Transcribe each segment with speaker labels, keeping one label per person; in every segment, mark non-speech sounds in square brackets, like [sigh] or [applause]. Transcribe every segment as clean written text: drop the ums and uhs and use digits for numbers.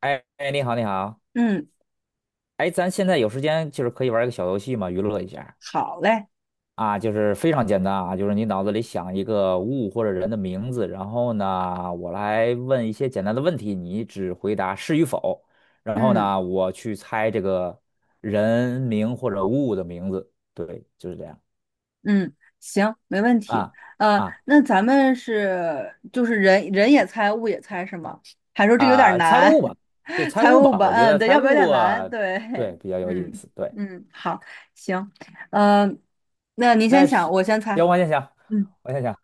Speaker 1: 哎哎，你好，你好，
Speaker 2: 嗯，
Speaker 1: 哎，咱现在有时间，就是可以玩一个小游戏嘛，娱乐一下
Speaker 2: 好嘞。
Speaker 1: 啊，就是非常简单啊，就是你脑子里想一个物或者人的名字，然后呢，我来问一些简单的问题，你只回答是与否，然后
Speaker 2: 嗯
Speaker 1: 呢，我去猜这个人名或者物的名字，对，就是这样
Speaker 2: 嗯，行，没问题。
Speaker 1: 啊啊
Speaker 2: 那咱们是就是人也猜，物也猜是吗？还说这个有点
Speaker 1: 啊，猜
Speaker 2: 难，
Speaker 1: 物吧，就
Speaker 2: [laughs]
Speaker 1: 猜
Speaker 2: 猜
Speaker 1: 物
Speaker 2: 物
Speaker 1: 吧，
Speaker 2: 吧，
Speaker 1: 我觉
Speaker 2: 嗯，
Speaker 1: 得
Speaker 2: 对，
Speaker 1: 猜
Speaker 2: 要不有
Speaker 1: 物
Speaker 2: 点难，
Speaker 1: 啊
Speaker 2: 对。
Speaker 1: 对，比较有意
Speaker 2: 嗯
Speaker 1: 思，对，
Speaker 2: 嗯，好，行，呃，那您先
Speaker 1: 但
Speaker 2: 想，
Speaker 1: 是
Speaker 2: 我先猜。
Speaker 1: 行，我先想，
Speaker 2: 嗯，
Speaker 1: 我先想。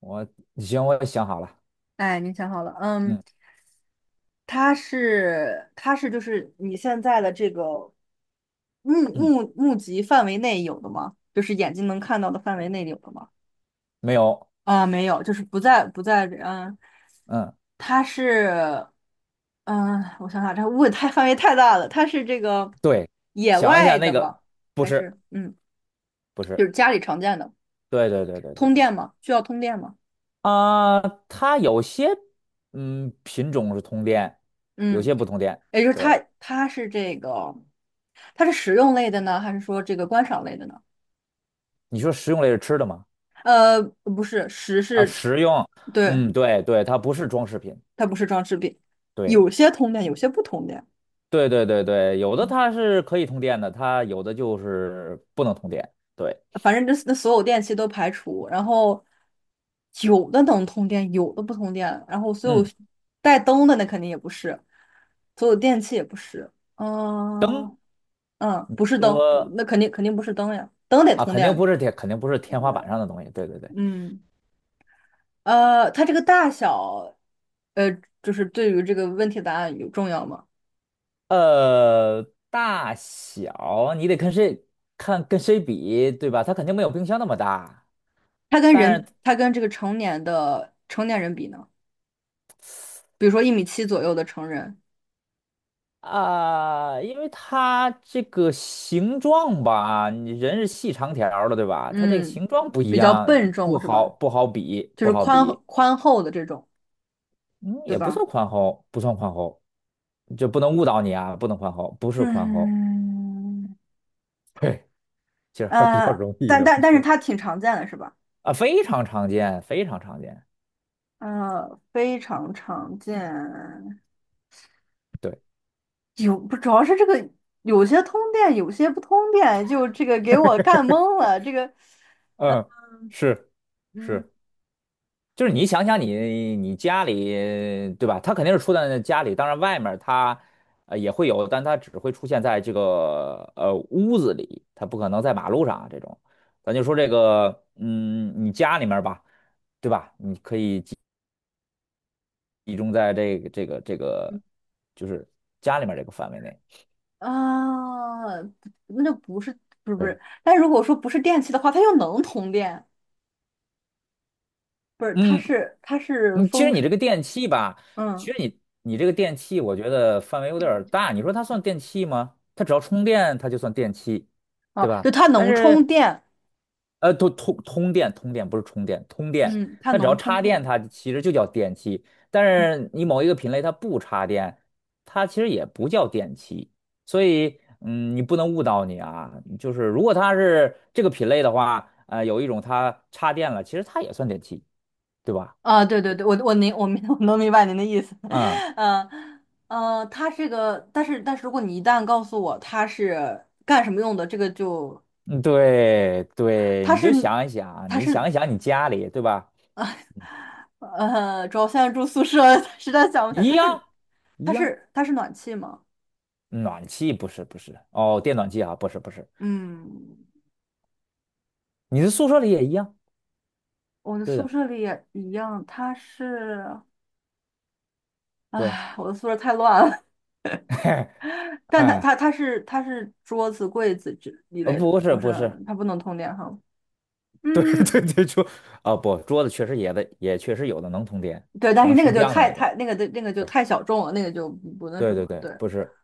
Speaker 1: 我行，我想好了。
Speaker 2: 哎，您想好了，嗯，
Speaker 1: 嗯
Speaker 2: 它是就是你现在的这个目
Speaker 1: 嗯，
Speaker 2: 目目及范围内有的吗？就是眼睛能看到的范围内有的吗？
Speaker 1: 没有。
Speaker 2: 啊，没有，就是不在，嗯，
Speaker 1: 嗯，
Speaker 2: 它是。嗯，我想想，这问太范围太大了，它是这个
Speaker 1: 对，
Speaker 2: 野
Speaker 1: 想一下
Speaker 2: 外
Speaker 1: 那
Speaker 2: 的吗？
Speaker 1: 个，不
Speaker 2: 还
Speaker 1: 是
Speaker 2: 是嗯，
Speaker 1: 不
Speaker 2: 就
Speaker 1: 是，
Speaker 2: 是家里常见的
Speaker 1: 对对对对对
Speaker 2: 通
Speaker 1: 对。
Speaker 2: 电吗？需要通电吗？
Speaker 1: 啊、它有些嗯品种是通电，有
Speaker 2: 嗯，
Speaker 1: 些不通电。
Speaker 2: 也就是它
Speaker 1: 对，
Speaker 2: 它是这个，它是食用类的呢，还是说这个观赏类的呢？
Speaker 1: 你说食用类是吃的吗？
Speaker 2: 不是，食
Speaker 1: 啊，
Speaker 2: 是，
Speaker 1: 食用。
Speaker 2: 对，
Speaker 1: 嗯，对对，它不是装饰品。
Speaker 2: 它不是装饰品，有
Speaker 1: 对
Speaker 2: 些通电，有些不通电。
Speaker 1: 对对对对，有的它是可以通电的，它有的就是不能通电。对，
Speaker 2: 反正这那所有电器都排除，然后有的能通电，有的不通电，然后所有
Speaker 1: 嗯，
Speaker 2: 带灯的那肯定也不是，所有电器也不是。嗯嗯，不是
Speaker 1: 如
Speaker 2: 灯，
Speaker 1: 果
Speaker 2: 那肯定不是灯呀，灯得
Speaker 1: 啊，
Speaker 2: 通
Speaker 1: 肯定
Speaker 2: 电，
Speaker 1: 不是天，肯定不是
Speaker 2: 对
Speaker 1: 天
Speaker 2: 不
Speaker 1: 花
Speaker 2: 对？
Speaker 1: 板上的东西。对对对。
Speaker 2: 嗯，它这个大小，呃，就是对于这个问题的答案有重要吗？
Speaker 1: 呃，大小你得跟谁看跟谁比，对吧？它肯定没有冰箱那么大，
Speaker 2: 它跟
Speaker 1: 但是
Speaker 2: 人，它跟这个成年的成年人比呢？比如说1.7米左右的成人，
Speaker 1: 啊、因为它这个形状吧，你人是细长条儿的，对吧？它这个
Speaker 2: 嗯，
Speaker 1: 形状不一
Speaker 2: 比较
Speaker 1: 样，
Speaker 2: 笨
Speaker 1: 不
Speaker 2: 重是
Speaker 1: 好
Speaker 2: 吧？
Speaker 1: 不好比，
Speaker 2: 就
Speaker 1: 不
Speaker 2: 是
Speaker 1: 好
Speaker 2: 宽
Speaker 1: 比。
Speaker 2: 宽厚的这种，
Speaker 1: 嗯，
Speaker 2: 对
Speaker 1: 也不算
Speaker 2: 吧？
Speaker 1: 宽厚，不算宽厚，就不能误导你啊，不能宽厚，不是宽厚。
Speaker 2: 嗯，
Speaker 1: [laughs] 嘿，其实还是比较容易
Speaker 2: 但
Speaker 1: 的，
Speaker 2: 但
Speaker 1: 我
Speaker 2: 但
Speaker 1: 觉
Speaker 2: 是
Speaker 1: 得
Speaker 2: 它挺常见的，是吧？
Speaker 1: 啊，非常常见，非常常见。
Speaker 2: 非常常见。
Speaker 1: 对。
Speaker 2: 有不主要是这个有些通电，有些不通电，就这个给我干懵了。这个，
Speaker 1: 嗯，是
Speaker 2: 嗯，
Speaker 1: 是，就是你想想你家里对吧？他肯定是出现在家里，当然外面他也会有，但他只会出现在这个屋子里，他不可能在马路上啊这种。咱就说这个，嗯，你家里面儿吧，集中在这个，就是家里面儿这个范围内。
Speaker 2: 啊，不那就不是，不是不
Speaker 1: 对，
Speaker 2: 是，但如果说不是电器的话，它又能通电，不是？它
Speaker 1: 嗯，
Speaker 2: 是它是
Speaker 1: 你其实
Speaker 2: 风
Speaker 1: 你这
Speaker 2: 是，
Speaker 1: 个电器吧，其
Speaker 2: 嗯，
Speaker 1: 实你这个电器，我觉得范围有点儿大。你说它算电器吗？它只要充电，它就算电器，对
Speaker 2: 哦，
Speaker 1: 吧？
Speaker 2: 就它
Speaker 1: 但
Speaker 2: 能充
Speaker 1: 是，
Speaker 2: 电，
Speaker 1: 通电，通电不是充电，通电，
Speaker 2: 嗯，它
Speaker 1: 它只要
Speaker 2: 能通
Speaker 1: 插电，
Speaker 2: 电。
Speaker 1: 它其实就叫电器。但
Speaker 2: 嗯。
Speaker 1: 是你某一个品类它不插电，它其实也不叫电器。所以，嗯，你不能误导你啊。就是如果它是这个品类的话，有一种它插电了，其实它也算电器，对吧？
Speaker 2: 啊，对对对，我能明白您的意思。
Speaker 1: 嗯。
Speaker 2: [laughs] 嗯，他这个，但是如果你一旦告诉我他是干什么用的，这个就
Speaker 1: 嗯，对对，
Speaker 2: 他
Speaker 1: 你就
Speaker 2: 是
Speaker 1: 想一想啊，
Speaker 2: 他
Speaker 1: 你
Speaker 2: 是，
Speaker 1: 想一想你家里，对吧？
Speaker 2: 主要现在住宿舍，[laughs] 实在想不起来，
Speaker 1: 一
Speaker 2: 他是
Speaker 1: 样一
Speaker 2: 他
Speaker 1: 样，
Speaker 2: 是他是暖气吗？
Speaker 1: 暖气不是，哦，电暖气啊，不是，
Speaker 2: 嗯，
Speaker 1: 你的宿舍里也一样，
Speaker 2: 我的
Speaker 1: 对
Speaker 2: 宿
Speaker 1: 的，
Speaker 2: 舍里也一样，他是，
Speaker 1: 对，
Speaker 2: 唉，我的宿舍太乱了。
Speaker 1: [laughs]
Speaker 2: [laughs] 但他
Speaker 1: 哎，
Speaker 2: 他他是他是桌子柜子之一类的，
Speaker 1: 不是
Speaker 2: 不是，
Speaker 1: 不是，
Speaker 2: 它不能通电哈。
Speaker 1: 对 [laughs] 对
Speaker 2: 嗯，
Speaker 1: 对，桌，哦不，桌子确实也的，也确实有的能通电，
Speaker 2: 对，
Speaker 1: 它
Speaker 2: 但是
Speaker 1: 能
Speaker 2: 那个
Speaker 1: 升
Speaker 2: 就
Speaker 1: 降的
Speaker 2: 太
Speaker 1: 那种，
Speaker 2: 太那个的那个就
Speaker 1: 对
Speaker 2: 太小众了，那个就不那什
Speaker 1: 对对
Speaker 2: 么。
Speaker 1: 对，
Speaker 2: 对，
Speaker 1: 不是，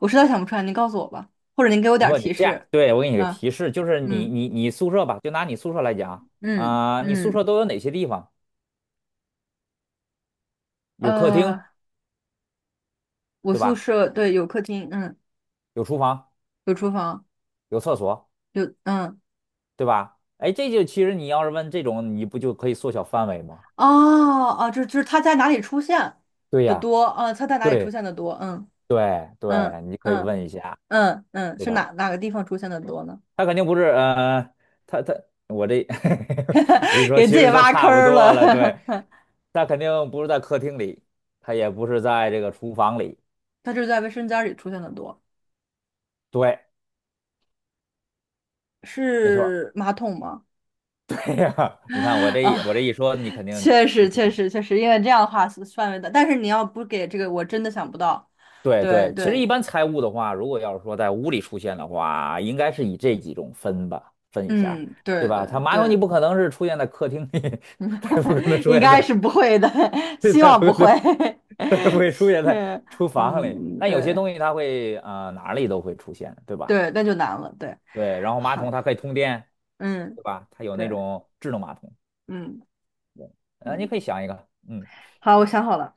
Speaker 2: 我实在想不出来，您告诉我吧，或者您给我点儿
Speaker 1: 不你
Speaker 2: 提
Speaker 1: 这样，
Speaker 2: 示。
Speaker 1: 对，我给你个
Speaker 2: 啊，
Speaker 1: 提示，就是你
Speaker 2: 嗯
Speaker 1: 你你宿舍吧，就拿你宿舍来讲
Speaker 2: 嗯
Speaker 1: 啊，啊你宿
Speaker 2: 嗯，
Speaker 1: 舍都有哪些地方？有客厅，
Speaker 2: 呃，我
Speaker 1: 对
Speaker 2: 宿
Speaker 1: 吧？
Speaker 2: 舍对有客厅，嗯，
Speaker 1: 有厨房。
Speaker 2: 有厨房，
Speaker 1: 有厕所，
Speaker 2: 有嗯，
Speaker 1: 对吧？哎，这就其实你要是问这种，你不就可以缩小范围吗？
Speaker 2: 哦哦，就是它在哪里出现
Speaker 1: 对
Speaker 2: 的
Speaker 1: 呀，
Speaker 2: 多啊？它在哪里
Speaker 1: 对
Speaker 2: 出现的多？嗯
Speaker 1: 对
Speaker 2: 嗯
Speaker 1: 对，你可以
Speaker 2: 嗯
Speaker 1: 问一下，
Speaker 2: 嗯嗯，
Speaker 1: 对
Speaker 2: 是
Speaker 1: 吧？
Speaker 2: 哪个地方出现的多呢？
Speaker 1: 他肯定不是，他我这 [laughs] 我一
Speaker 2: [laughs]
Speaker 1: 说，
Speaker 2: 给
Speaker 1: 其
Speaker 2: 自己
Speaker 1: 实都
Speaker 2: 挖坑
Speaker 1: 差不
Speaker 2: 儿
Speaker 1: 多了。对，
Speaker 2: 了。
Speaker 1: 他肯定不是在客厅里，他也不是在这个厨房里。
Speaker 2: [laughs] 它就是在卫生间里出现的多，
Speaker 1: 对，没错儿。
Speaker 2: 是马桶吗？
Speaker 1: [laughs] 哎呀你看我
Speaker 2: [laughs]
Speaker 1: 这一
Speaker 2: 啊，
Speaker 1: 我这一说，你肯定
Speaker 2: 确
Speaker 1: 就
Speaker 2: 实，
Speaker 1: 知
Speaker 2: 确
Speaker 1: 道
Speaker 2: 实，确实，因为这样的话是范围的，但是你要不给这个，我真的想不到。
Speaker 1: 对
Speaker 2: 对
Speaker 1: 对，其实一
Speaker 2: 对，
Speaker 1: 般财务的话，如果要是说在屋里出现的话，应该是以这几种分吧，分一下，
Speaker 2: 嗯，
Speaker 1: 对
Speaker 2: 对对
Speaker 1: 吧？它马桶你
Speaker 2: 对，
Speaker 1: 不可能是出现在客厅里，[laughs] 它也不可能
Speaker 2: [laughs]
Speaker 1: 出
Speaker 2: 应
Speaker 1: 现
Speaker 2: 该
Speaker 1: 在，
Speaker 2: 是不会的，[laughs]
Speaker 1: [laughs] 它
Speaker 2: 希
Speaker 1: 也不
Speaker 2: 望不
Speaker 1: 可
Speaker 2: 会。
Speaker 1: 能，它也不
Speaker 2: [laughs]
Speaker 1: 会出现在
Speaker 2: 是，
Speaker 1: 厨房里。
Speaker 2: 嗯，
Speaker 1: 但有些
Speaker 2: 对
Speaker 1: 东西它会啊，哪里都会出现，对吧？
Speaker 2: 对，那就难了。对，
Speaker 1: 对，然后马桶
Speaker 2: 好，
Speaker 1: 它可以通电，
Speaker 2: 嗯，
Speaker 1: 对吧？它有
Speaker 2: 对，
Speaker 1: 那种智能马桶，
Speaker 2: 嗯
Speaker 1: 啊，你可以
Speaker 2: 嗯，
Speaker 1: 想一个，嗯，
Speaker 2: 好，我想好了。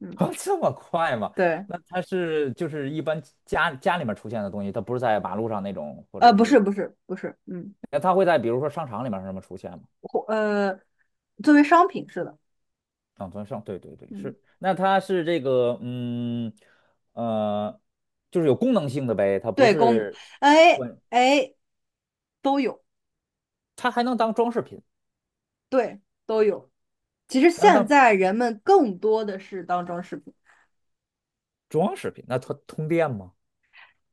Speaker 2: 嗯，
Speaker 1: [laughs] 这么快吗？
Speaker 2: 对，
Speaker 1: 那它是就是一般家里面出现的东西，它不是在马路上那种，或者
Speaker 2: 不是
Speaker 1: 是。
Speaker 2: 不是不是，嗯，
Speaker 1: 那它会在比如说商场里面什么出现吗？
Speaker 2: 或作为商品是的。
Speaker 1: 长存胜，对对对，
Speaker 2: 嗯，
Speaker 1: 是。那它是这个，嗯，呃，就是有功能性的呗，它不
Speaker 2: 对，功能，
Speaker 1: 是，
Speaker 2: 哎
Speaker 1: 对，
Speaker 2: 哎，都有。
Speaker 1: 它还能当装饰品，
Speaker 2: 对，都有。其实
Speaker 1: 还能
Speaker 2: 现
Speaker 1: 当
Speaker 2: 在人们更多的是当装饰品。
Speaker 1: 装饰品。那它通电吗？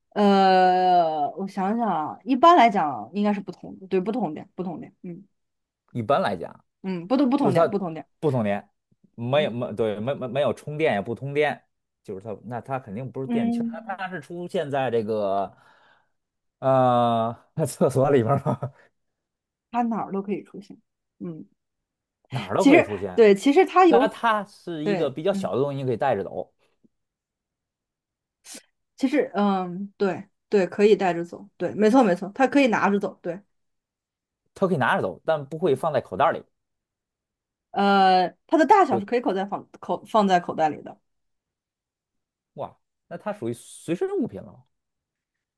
Speaker 2: 我想想啊，一般来讲应该是不同的，对，不同点，不同点，嗯
Speaker 1: 一般来讲，
Speaker 2: 嗯，不同不
Speaker 1: 就
Speaker 2: 同
Speaker 1: 是
Speaker 2: 点，
Speaker 1: 它
Speaker 2: 不同点，
Speaker 1: 不通电，没
Speaker 2: 嗯
Speaker 1: 有没对，没有充电也不通电，就是它，那它肯定不是电器儿那
Speaker 2: 嗯，
Speaker 1: 它是出现在这个，呃，[laughs] 厕所里面儿吗？[laughs]
Speaker 2: 它哪儿都可以出现。嗯，
Speaker 1: 哪儿都
Speaker 2: 其
Speaker 1: 可以
Speaker 2: 实
Speaker 1: 出现。
Speaker 2: 对，其实它
Speaker 1: 那
Speaker 2: 有，
Speaker 1: 它是一个
Speaker 2: 对，
Speaker 1: 比较小
Speaker 2: 嗯，
Speaker 1: 的东西，你可以带着走，
Speaker 2: 其实嗯，对对，可以带着走，对，没错没错，它可以拿着走，对，
Speaker 1: 它可以拿着走，但不
Speaker 2: 对，
Speaker 1: 会放在口袋里。
Speaker 2: 它的大小
Speaker 1: 对，
Speaker 2: 是可以口袋放口放在口袋里的。
Speaker 1: 哇，那它属于随身物品了。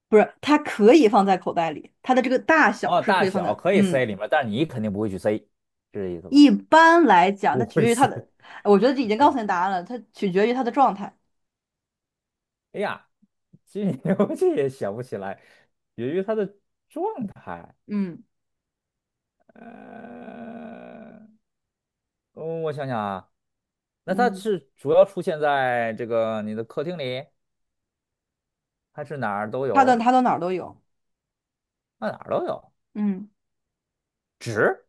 Speaker 2: 不是，它可以放在口袋里，它的这个大小
Speaker 1: 哦，
Speaker 2: 是可
Speaker 1: 大
Speaker 2: 以放
Speaker 1: 小
Speaker 2: 在，
Speaker 1: 可以
Speaker 2: 嗯，
Speaker 1: 塞里面，但是你肯定不会去塞，是这意思
Speaker 2: 一
Speaker 1: 吧？
Speaker 2: 般来讲，
Speaker 1: 不
Speaker 2: 那取
Speaker 1: 会
Speaker 2: 决于它
Speaker 1: 塞。
Speaker 2: 的，我觉得这已经告
Speaker 1: 嗯，
Speaker 2: 诉你答案了，它取决于它的状态。
Speaker 1: 哎呀，这 [laughs] 我这也想不起来，由于它的状态，
Speaker 2: 嗯
Speaker 1: 呃，嗯我想想啊，那它
Speaker 2: 嗯，
Speaker 1: 是主要出现在这个你的客厅里，还是哪儿都
Speaker 2: 它的
Speaker 1: 有？
Speaker 2: 它到哪儿都有。
Speaker 1: 那哪儿都有。
Speaker 2: 嗯，
Speaker 1: 纸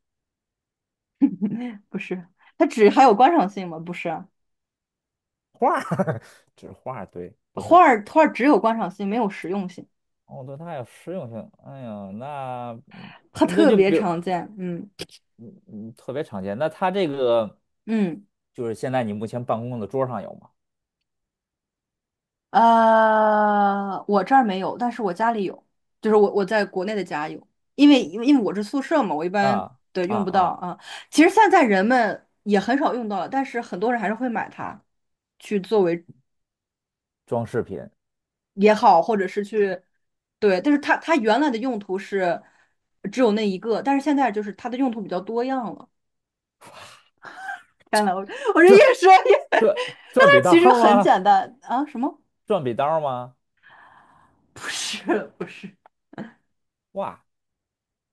Speaker 2: 不是，它只还有观赏性吗？不是啊，
Speaker 1: 画儿，[laughs] 纸画儿，对，不
Speaker 2: 花
Speaker 1: 是。
Speaker 2: 儿花儿只有观赏性，没有实用性，
Speaker 1: 哦，对，它有实用性。哎呀，那
Speaker 2: 它
Speaker 1: 那
Speaker 2: 特
Speaker 1: 就
Speaker 2: 别
Speaker 1: 比如，
Speaker 2: 常见，嗯
Speaker 1: 嗯特别常见。那它这个
Speaker 2: 嗯。
Speaker 1: 就是现在你目前办公的桌上有吗？
Speaker 2: 我这儿没有，但是我家里有，就是我在国内的家有，因为我是宿舍嘛，我一般
Speaker 1: 啊
Speaker 2: 对
Speaker 1: 啊
Speaker 2: 用不到
Speaker 1: 啊
Speaker 2: 啊。其实
Speaker 1: 啊！
Speaker 2: 现在人们也很少用到了，但是很多人还是会买它去作为
Speaker 1: 装饰品，
Speaker 2: 也好，或者是去对，但是它原来的用途是只有那一个，但是现在就是它的用途比较多样了。天呐，我这越说越，[laughs] 但
Speaker 1: 转转笔
Speaker 2: 它
Speaker 1: 刀
Speaker 2: 其实
Speaker 1: 儿
Speaker 2: 很
Speaker 1: 吗？
Speaker 2: 简单啊，什么？
Speaker 1: 转笔刀儿吗？
Speaker 2: [laughs] 不是不是，
Speaker 1: 哇，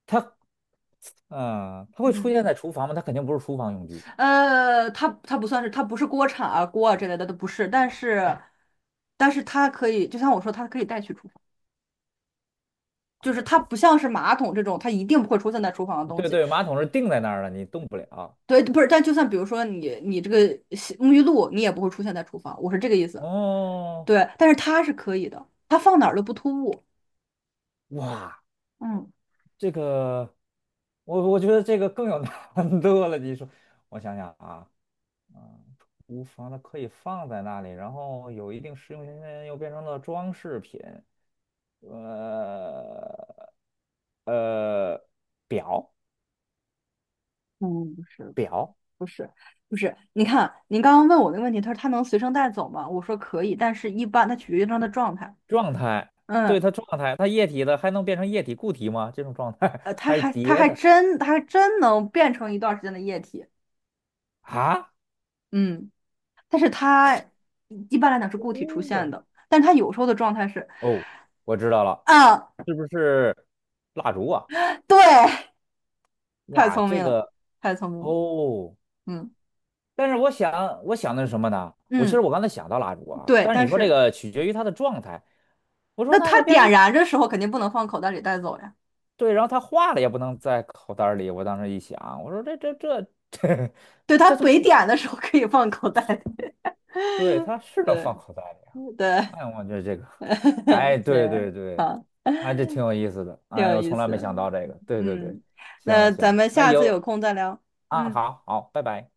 Speaker 1: 它嗯，它会出
Speaker 2: 嗯。
Speaker 1: 现在厨房吗？它肯定不是厨房用具。
Speaker 2: 它不算是，它不是锅铲啊、锅啊之类的，都不是。但是，但是它可以，就像我说，它可以带去厨房，就是它不像是马桶这种，它一定不会出现在厨房的东
Speaker 1: 对
Speaker 2: 西。
Speaker 1: 对，马桶是定在那儿了，你动不了。
Speaker 2: 对，不是。但就算比如说你这个洗沐浴露，你也不会出现在厨房，我是这个意思。
Speaker 1: 哦，
Speaker 2: 对，但是它是可以的，它放哪儿都不突兀。
Speaker 1: 哇，
Speaker 2: 嗯
Speaker 1: 这个，我觉得这个更有难度了。你说，我想想啊，嗯，厨房它可以放在那里，然后有一定实用性，又变成了装饰品，呃呃，表
Speaker 2: 嗯，不是不是不是不是，你看您刚刚问我那个问题，他说他能随身带走吗？我说可以，但是一般它取决于它的状态。
Speaker 1: 状态，对
Speaker 2: 嗯，
Speaker 1: 它状态，它液体的还能变成液体固体吗？这种状态 [laughs]
Speaker 2: 它
Speaker 1: 还是
Speaker 2: 还它
Speaker 1: 叠
Speaker 2: 还
Speaker 1: 的
Speaker 2: 真它还真能变成一段时间的液体，
Speaker 1: 啊？
Speaker 2: 嗯，但是它一般来讲是
Speaker 1: 不
Speaker 2: 固体出现
Speaker 1: 对，
Speaker 2: 的，但是它有时候的状态是，
Speaker 1: 哦，我知道了，
Speaker 2: 啊，
Speaker 1: 是不是蜡烛啊？
Speaker 2: 对，[laughs] 太
Speaker 1: 哇，
Speaker 2: 聪
Speaker 1: 这
Speaker 2: 明了，
Speaker 1: 个
Speaker 2: 太聪明了，
Speaker 1: 哦。
Speaker 2: 嗯
Speaker 1: 但是我想，我想的是什么呢？我其实
Speaker 2: 嗯，
Speaker 1: 我刚才想到蜡烛啊，
Speaker 2: 对，
Speaker 1: 但是
Speaker 2: 但
Speaker 1: 你说这
Speaker 2: 是
Speaker 1: 个取决于它的状态。我说
Speaker 2: 那
Speaker 1: 那
Speaker 2: 它
Speaker 1: 它变成
Speaker 2: 点
Speaker 1: 一
Speaker 2: 燃的时候肯定不能放口袋里带走呀，
Speaker 1: 对，然后它化了也不能在口袋儿里。我当时一想，我说这 [laughs] 这
Speaker 2: 对，它
Speaker 1: 这都
Speaker 2: 没
Speaker 1: 不
Speaker 2: 点的时候可以放口袋里，
Speaker 1: 对，它是
Speaker 2: [laughs]
Speaker 1: 能
Speaker 2: 对
Speaker 1: 放口袋里啊。
Speaker 2: 对
Speaker 1: 哎，我觉得这个，哎，
Speaker 2: [laughs]
Speaker 1: 对
Speaker 2: 对，
Speaker 1: 对对，
Speaker 2: 好，
Speaker 1: 哎，这挺有意思的。
Speaker 2: 挺有
Speaker 1: 哎，我
Speaker 2: 意
Speaker 1: 从来没
Speaker 2: 思，
Speaker 1: 想到这个。对对对，
Speaker 2: 嗯，
Speaker 1: 行
Speaker 2: 那咱
Speaker 1: 行，
Speaker 2: 们
Speaker 1: 那
Speaker 2: 下次有
Speaker 1: 有
Speaker 2: 空再聊。
Speaker 1: 啊，
Speaker 2: 嗯。
Speaker 1: 好好，拜拜。